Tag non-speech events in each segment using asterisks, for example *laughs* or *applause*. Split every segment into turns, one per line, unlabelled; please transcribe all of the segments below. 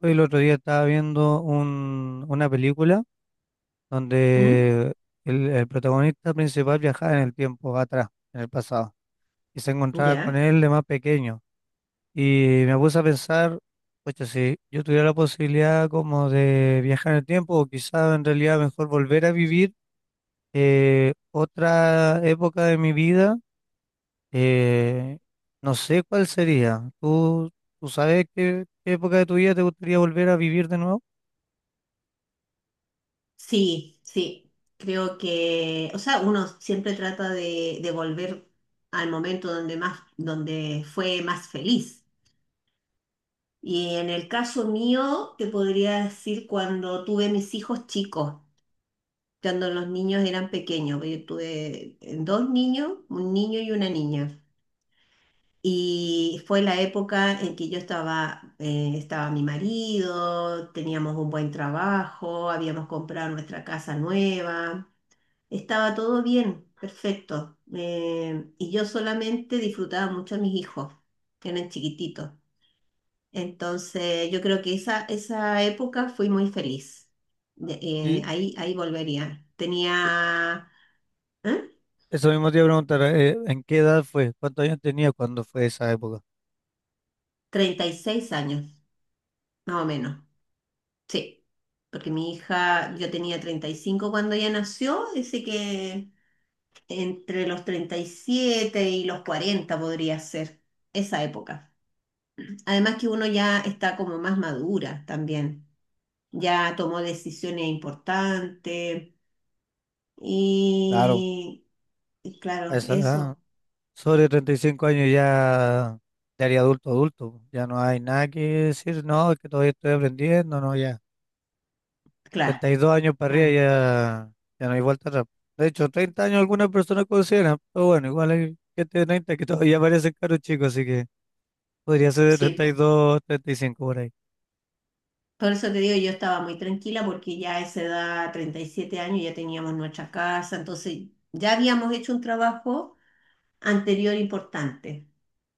Hoy el otro día estaba viendo una película
¿Mm?
donde el protagonista principal viajaba en el tiempo atrás, en el pasado, y se encontraba con
¿Ya?
él de más pequeño. Y me puse a pensar, oye, si yo tuviera la posibilidad como de viajar en el tiempo, o quizá en realidad mejor volver a vivir otra época de mi vida, eh, no sé cuál sería. ¿ Tú sabes qué época de tu vida te gustaría volver a vivir de nuevo?
Sí, sí, creo que, o sea, uno siempre trata de volver al momento donde más, donde fue más feliz. Y en el caso mío, te podría decir cuando tuve mis hijos chicos, cuando los niños eran pequeños. Yo tuve dos niños, un niño y una niña. Y fue la época en que yo estaba, estaba mi marido, teníamos un buen trabajo, habíamos comprado nuestra casa nueva. Estaba todo bien, perfecto. Y yo solamente disfrutaba mucho a mis hijos, que eran chiquititos. Entonces, yo creo que esa época fui muy feliz. De- eh,
Sí.
ahí, ahí volvería. Tenía, ¿eh?
Eso mismo te iba a preguntar, ¿en qué edad fue? ¿Cuántos años tenía cuando fue esa época?
36 años, más o menos. Sí, porque mi hija, yo tenía 35 cuando ella nació, así que entre los 37 y los 40 podría ser esa época. Además que uno ya está como más madura también, ya tomó decisiones importantes
Claro,
y, y
a
claro,
esa edad,
eso,
sobre 35 años ya te haría adulto, adulto. Ya no hay nada que decir, no, es que todavía estoy aprendiendo, no, ya.
claro,
32 años para arriba
claro,
ya, ya no hay vuelta atrás. De hecho, 30 años algunas personas consideran, pero bueno, igual hay gente de 30 que todavía parecen caros chicos, así que podría ser de
sí.
32, 35 por ahí.
Por eso te digo, yo estaba muy tranquila porque ya a esa edad, 37 años, ya teníamos nuestra casa, entonces ya habíamos hecho un trabajo anterior importante.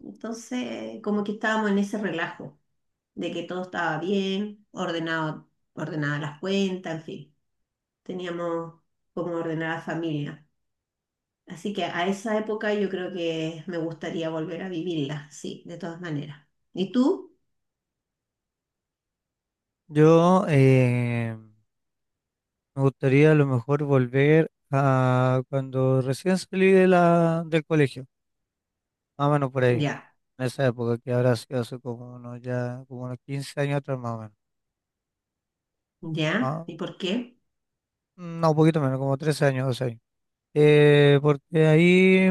Entonces, como que estábamos en ese relajo de que todo estaba bien, ordenado, ordenadas las cuentas, en fin, teníamos como ordenada la familia. Así que a esa época yo creo que me gustaría volver a vivirla, sí, de todas maneras. ¿Y tú?
Yo, eh, Me gustaría a lo mejor volver a cuando recién salí de del colegio, más o menos por ahí,
Ya,
en esa época que ahora sido hace como unos, ya, como unos 15 años atrás más o menos.
ya,
Ah,
¿y por qué?
No, un poquito menos, como 13 años, 12 años. Porque ahí,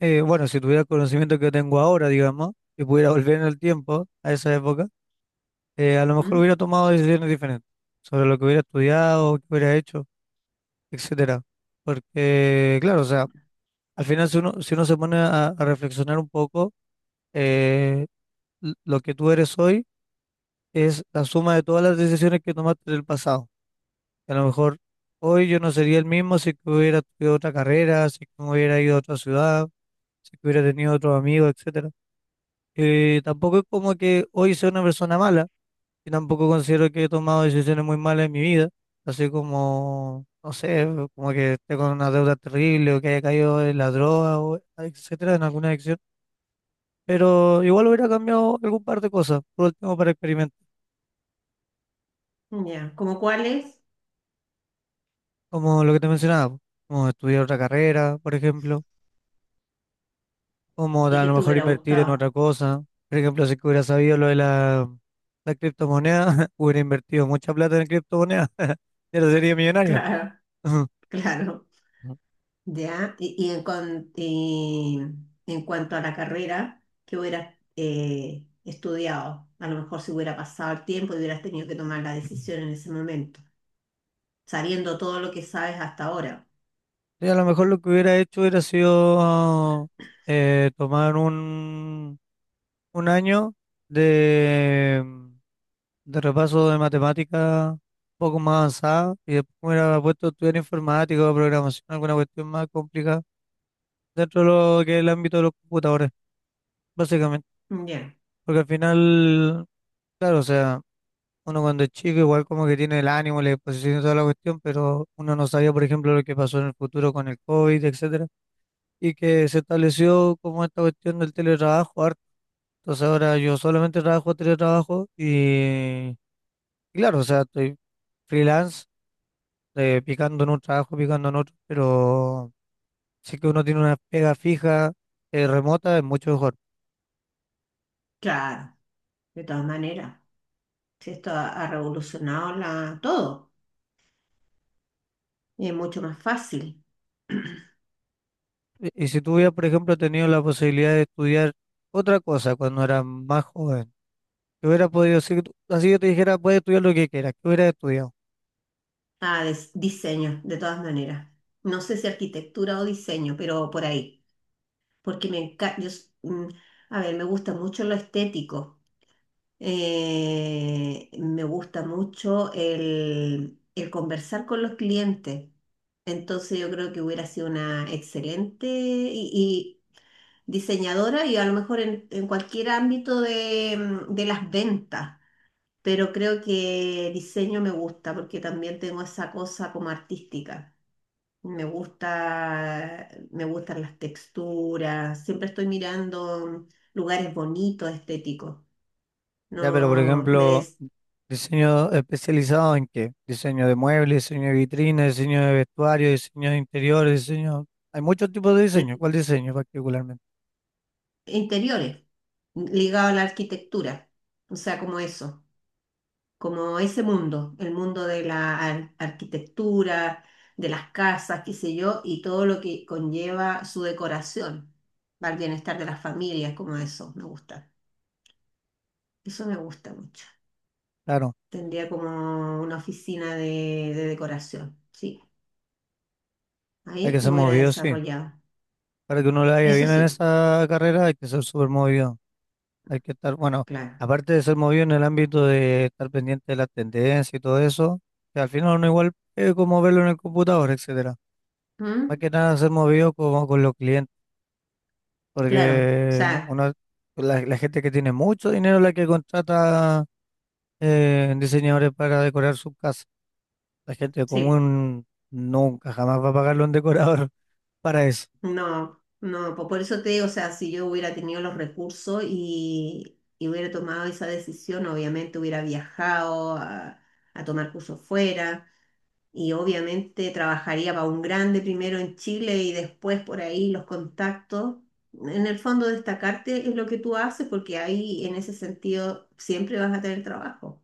bueno, si tuviera el conocimiento que tengo ahora, digamos, y pudiera volver en el tiempo a esa época, a lo mejor
¿Mm?
hubiera tomado decisiones diferentes sobre lo que hubiera estudiado, qué hubiera hecho, etcétera. Porque, claro, o sea... Al final, si uno se pone a reflexionar un poco, eh, lo que tú eres hoy es la suma de todas las decisiones que tomaste del pasado. A lo mejor hoy yo no sería el mismo si que hubiera estudiado otra carrera, si que me hubiera ido a otra ciudad, si que hubiera tenido otros amigos, etcétera. Tampoco es como que hoy sea una persona mala, y tampoco considero que he tomado decisiones muy malas en mi vida, así como, no sé, como que esté con una deuda terrible o que haya caído en la droga, o etcétera, en alguna adicción. Pero igual hubiera cambiado algún par de cosas, por último, para experimentar,
Ya, ¿como cuáles?
como lo que te mencionaba, po, como estudiar otra carrera, por ejemplo, como
Y
a
que
lo
te
mejor
hubiera
invertir en
gustado.
otra
*laughs*
cosa. Por ejemplo, si que hubiera sabido lo de la criptomoneda, *laughs* hubiera invertido mucha plata en criptomonedas, *laughs* ya no sería millonario.
Claro,
*laughs*
claro. Ya, y en, en cuanto a la carrera, ¿que hubieras estudiado? A lo mejor si hubiera pasado el tiempo y hubieras tenido que tomar la decisión en ese momento, sabiendo todo lo que sabes hasta ahora.
Y a lo mejor lo que hubiera hecho hubiera sido tomar un año de, de repaso de matemática un poco más avanzado y después me hubiera puesto a estudiar informática o programación, alguna cuestión más complicada dentro de lo que es el ámbito de los computadores, básicamente.
Ya,
Porque al final, claro, o sea, uno cuando es chico igual como que tiene el ánimo, la disposición y toda la cuestión, pero uno no sabía, por ejemplo, lo que pasó en el futuro con el COVID, etcétera, y que se estableció como esta cuestión del teletrabajo harto. Entonces ahora yo solamente trabajo teletrabajo y claro, o sea, estoy freelance, picando en un trabajo, picando en otro, pero si que uno tiene una pega fija, remota, es mucho mejor.
claro, de todas maneras. Si esto ha, ha revolucionado la, todo, y es mucho más fácil. *clears throat*
Y si tú hubieras, por ejemplo, tenido la posibilidad de estudiar otra cosa cuando eras más joven, que hubiera podido, si tú- así yo te dijera, puedes estudiar lo que quieras, ¿que hubieras estudiado?
Diseño, de todas maneras. No sé si arquitectura o diseño, pero por ahí. Porque me encanta, a ver, me gusta mucho lo estético. Me gusta mucho el conversar con los clientes. Entonces yo creo que hubiera sido una excelente y diseñadora y a lo mejor en cualquier ámbito de, de las ventas. Pero creo que diseño me gusta porque también tengo esa cosa como artística. Me gusta, me gustan las texturas. Siempre estoy mirando lugares bonitos, estéticos.
Ya, pero por
No,
ejemplo, ¿diseño especializado en qué? Diseño de muebles, diseño de vitrinas, diseño de vestuario, diseño de interiores, diseño... Hay muchos tipos de diseño. ¿Cuál diseño particularmente?
interiores, ligado a la arquitectura, o sea, como eso, como ese mundo, el mundo de la arquitectura, de las casas, qué sé yo, y todo lo que conlleva su decoración, para el bienestar de las familias, como eso, me gusta. Eso me gusta mucho.
Claro,
Tendría como una oficina de decoración, sí.
hay que
Ahí
ser
me hubiera
movido, sí.
desarrollado.
Para que uno le vaya
Eso
bien en
sí, po,
esa carrera hay que ser súper movido. Hay que estar, bueno,
claro.
aparte de ser movido en el ámbito de estar pendiente de las tendencias y todo eso, que al final uno igual es como verlo en el computador, etcétera. Más
¿Mm?
que nada ser movido como con los clientes,
Claro, o
porque
sea,
uno, la gente que tiene mucho dinero es la que contrata diseñadores para decorar su casa. La gente
sí, po.
común nunca, jamás va a pagarle a un decorador *laughs* para eso.
No, no, por eso te digo, o sea, si yo hubiera tenido los recursos y hubiera tomado esa decisión, obviamente hubiera viajado a tomar cursos fuera y obviamente trabajaría para un grande primero en Chile y después por ahí los contactos. En el fondo destacarte es lo que tú haces porque ahí en ese sentido siempre vas a tener trabajo.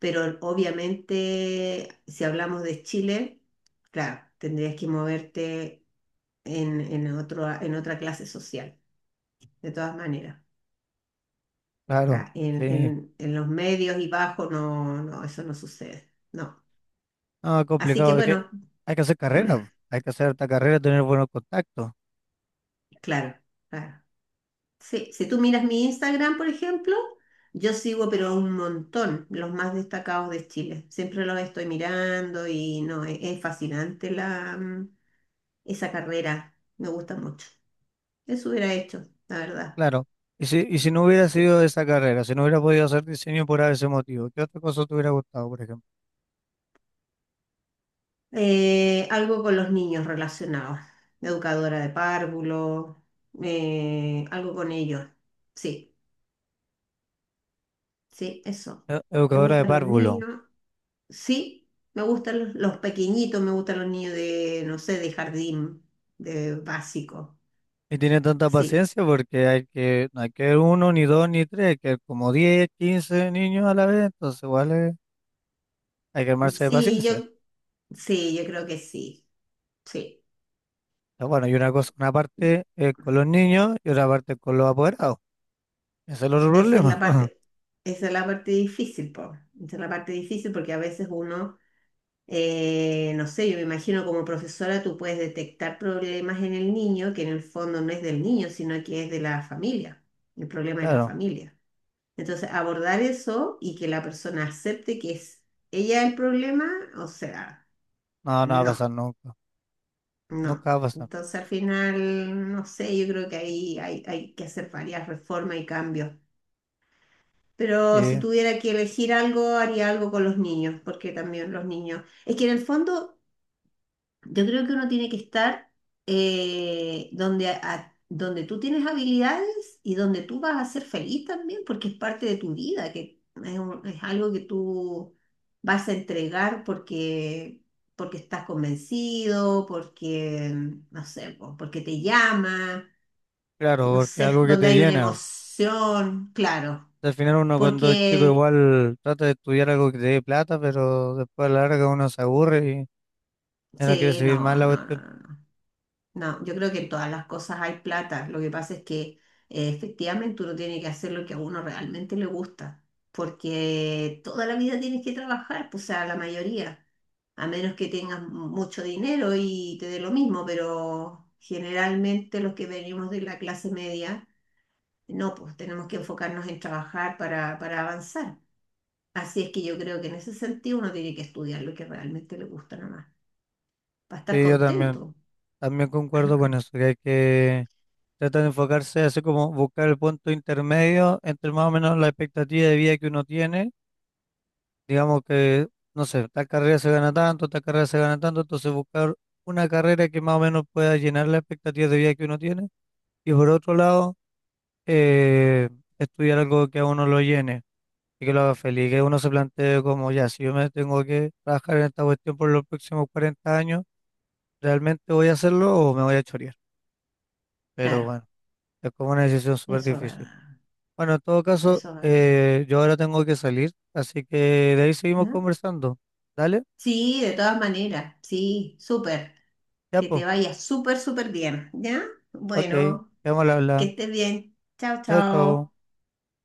Pero obviamente si hablamos de Chile, claro, tendrías que moverte en, otro, en otra clase social, de todas maneras.
Claro,
Ah, en,
sí.
en los medios y bajos no, no, eso no sucede. No.
Ah,
Así que
complicado, es que
bueno,
hay que hacer carrera, po. Hay que hacer esta carrera, tener buenos contactos,
claro, claro. Sí, si tú miras mi Instagram, por ejemplo, yo sigo pero a un montón los más destacados de Chile. Siempre los estoy mirando y no, es fascinante la, esa carrera. Me gusta mucho. Eso hubiera hecho, la verdad.
claro. Y si no hubiera
Sí.
sido esa carrera, si no hubiera podido hacer diseño por ese motivo, ¿qué otra cosa te hubiera gustado, por ejemplo?
Algo con los niños relacionados. Educadora de párvulos, algo con ellos. Sí, sí, eso. Me
Educadora de
gustan los
párvulo.
niños. Sí, me gustan los pequeñitos, me gustan los niños de, no sé, de jardín, de básico.
Y tiene tanta
Sí,
paciencia porque hay que, no hay que ver uno, ni dos, ni tres, hay que ver como 10, 15 niños a la vez, entonces igual es- hay que armarse de
sí,
paciencia.
yo, sí, yo creo que sí. Sí,
Pero bueno, y una cosa, una parte es con los niños y otra parte es con los apoderados. Ese es el otro
esa es la
problema. *laughs*
parte, esa es la parte difícil, po. Esa es la parte difícil porque a veces uno. No sé, yo me imagino como profesora tú puedes detectar problemas en el niño que en el fondo no es del niño, sino que es de la familia, el problema de la
Claro,
familia. Entonces, abordar eso y que la persona acepte que es ella el problema, o sea,
no, no va a
no,
pasar nunca,
no.
nunca va a pasar.
Entonces, al final, no sé, yo creo que ahí hay, hay que hacer varias reformas y cambios. Pero si
Sí.
tuviera que elegir algo, haría algo con los niños, porque también los niños, es que en el fondo... Yo creo que uno tiene que estar donde, donde tú tienes habilidades y donde tú vas a ser feliz también, porque es parte de tu vida, que es, es algo que tú vas a entregar porque, porque estás convencido, porque, no sé, po, porque te llama,
Claro,
no
porque es
sé,
algo que
donde
te
hay una
llena.
emoción, claro,
Al final uno cuando es chico
porque,
igual trata de estudiar algo que te dé plata, pero después a la larga uno se aburre y ya no quiere
sí,
seguir más
no,
la
no, no,
cuestión.
no. No. No, yo creo que en todas las cosas hay plata. Lo que pasa es que efectivamente uno tiene que hacer lo que a uno realmente le gusta, porque toda la vida tienes que trabajar, pues, o sea, la mayoría, a menos que tengas mucho dinero y te dé lo mismo, pero generalmente los que venimos de la clase media, no, pues tenemos que enfocarnos en trabajar para avanzar. Así es que yo creo que en ese sentido uno tiene que estudiar lo que realmente le gusta nomás, para estar
Sí, yo también,
contento.
también concuerdo con eso,
*clears throat*
que hay que tratar de enfocarse así como buscar el punto intermedio entre más o menos la expectativa de vida que uno tiene. Digamos que, no sé, tal carrera se gana tanto, tal carrera se gana tanto, entonces buscar una carrera que más o menos pueda llenar la expectativa de vida que uno tiene. Y por otro lado... eh, estudiar algo que a uno lo llene y que lo haga feliz, que uno se plantee como, ya, si yo me tengo que trabajar en esta cuestión por los próximos 40 años, ¿realmente voy a hacerlo o me voy a chorear? Pero
Claro,
bueno, es como una decisión súper
eso es
difícil.
verdad.
Bueno, en todo caso,
Eso es verdad.
yo ahora tengo que salir, así que de ahí seguimos
¿No?
conversando. ¿Dale?
Sí, de todas maneras, sí, súper.
Ya,
Que
pues.
te vaya súper, súper bien, ¿ya?
Ok,
Bueno,
quedamos al
que
habla.
estés bien. Chao,
Chao, chao.
chao.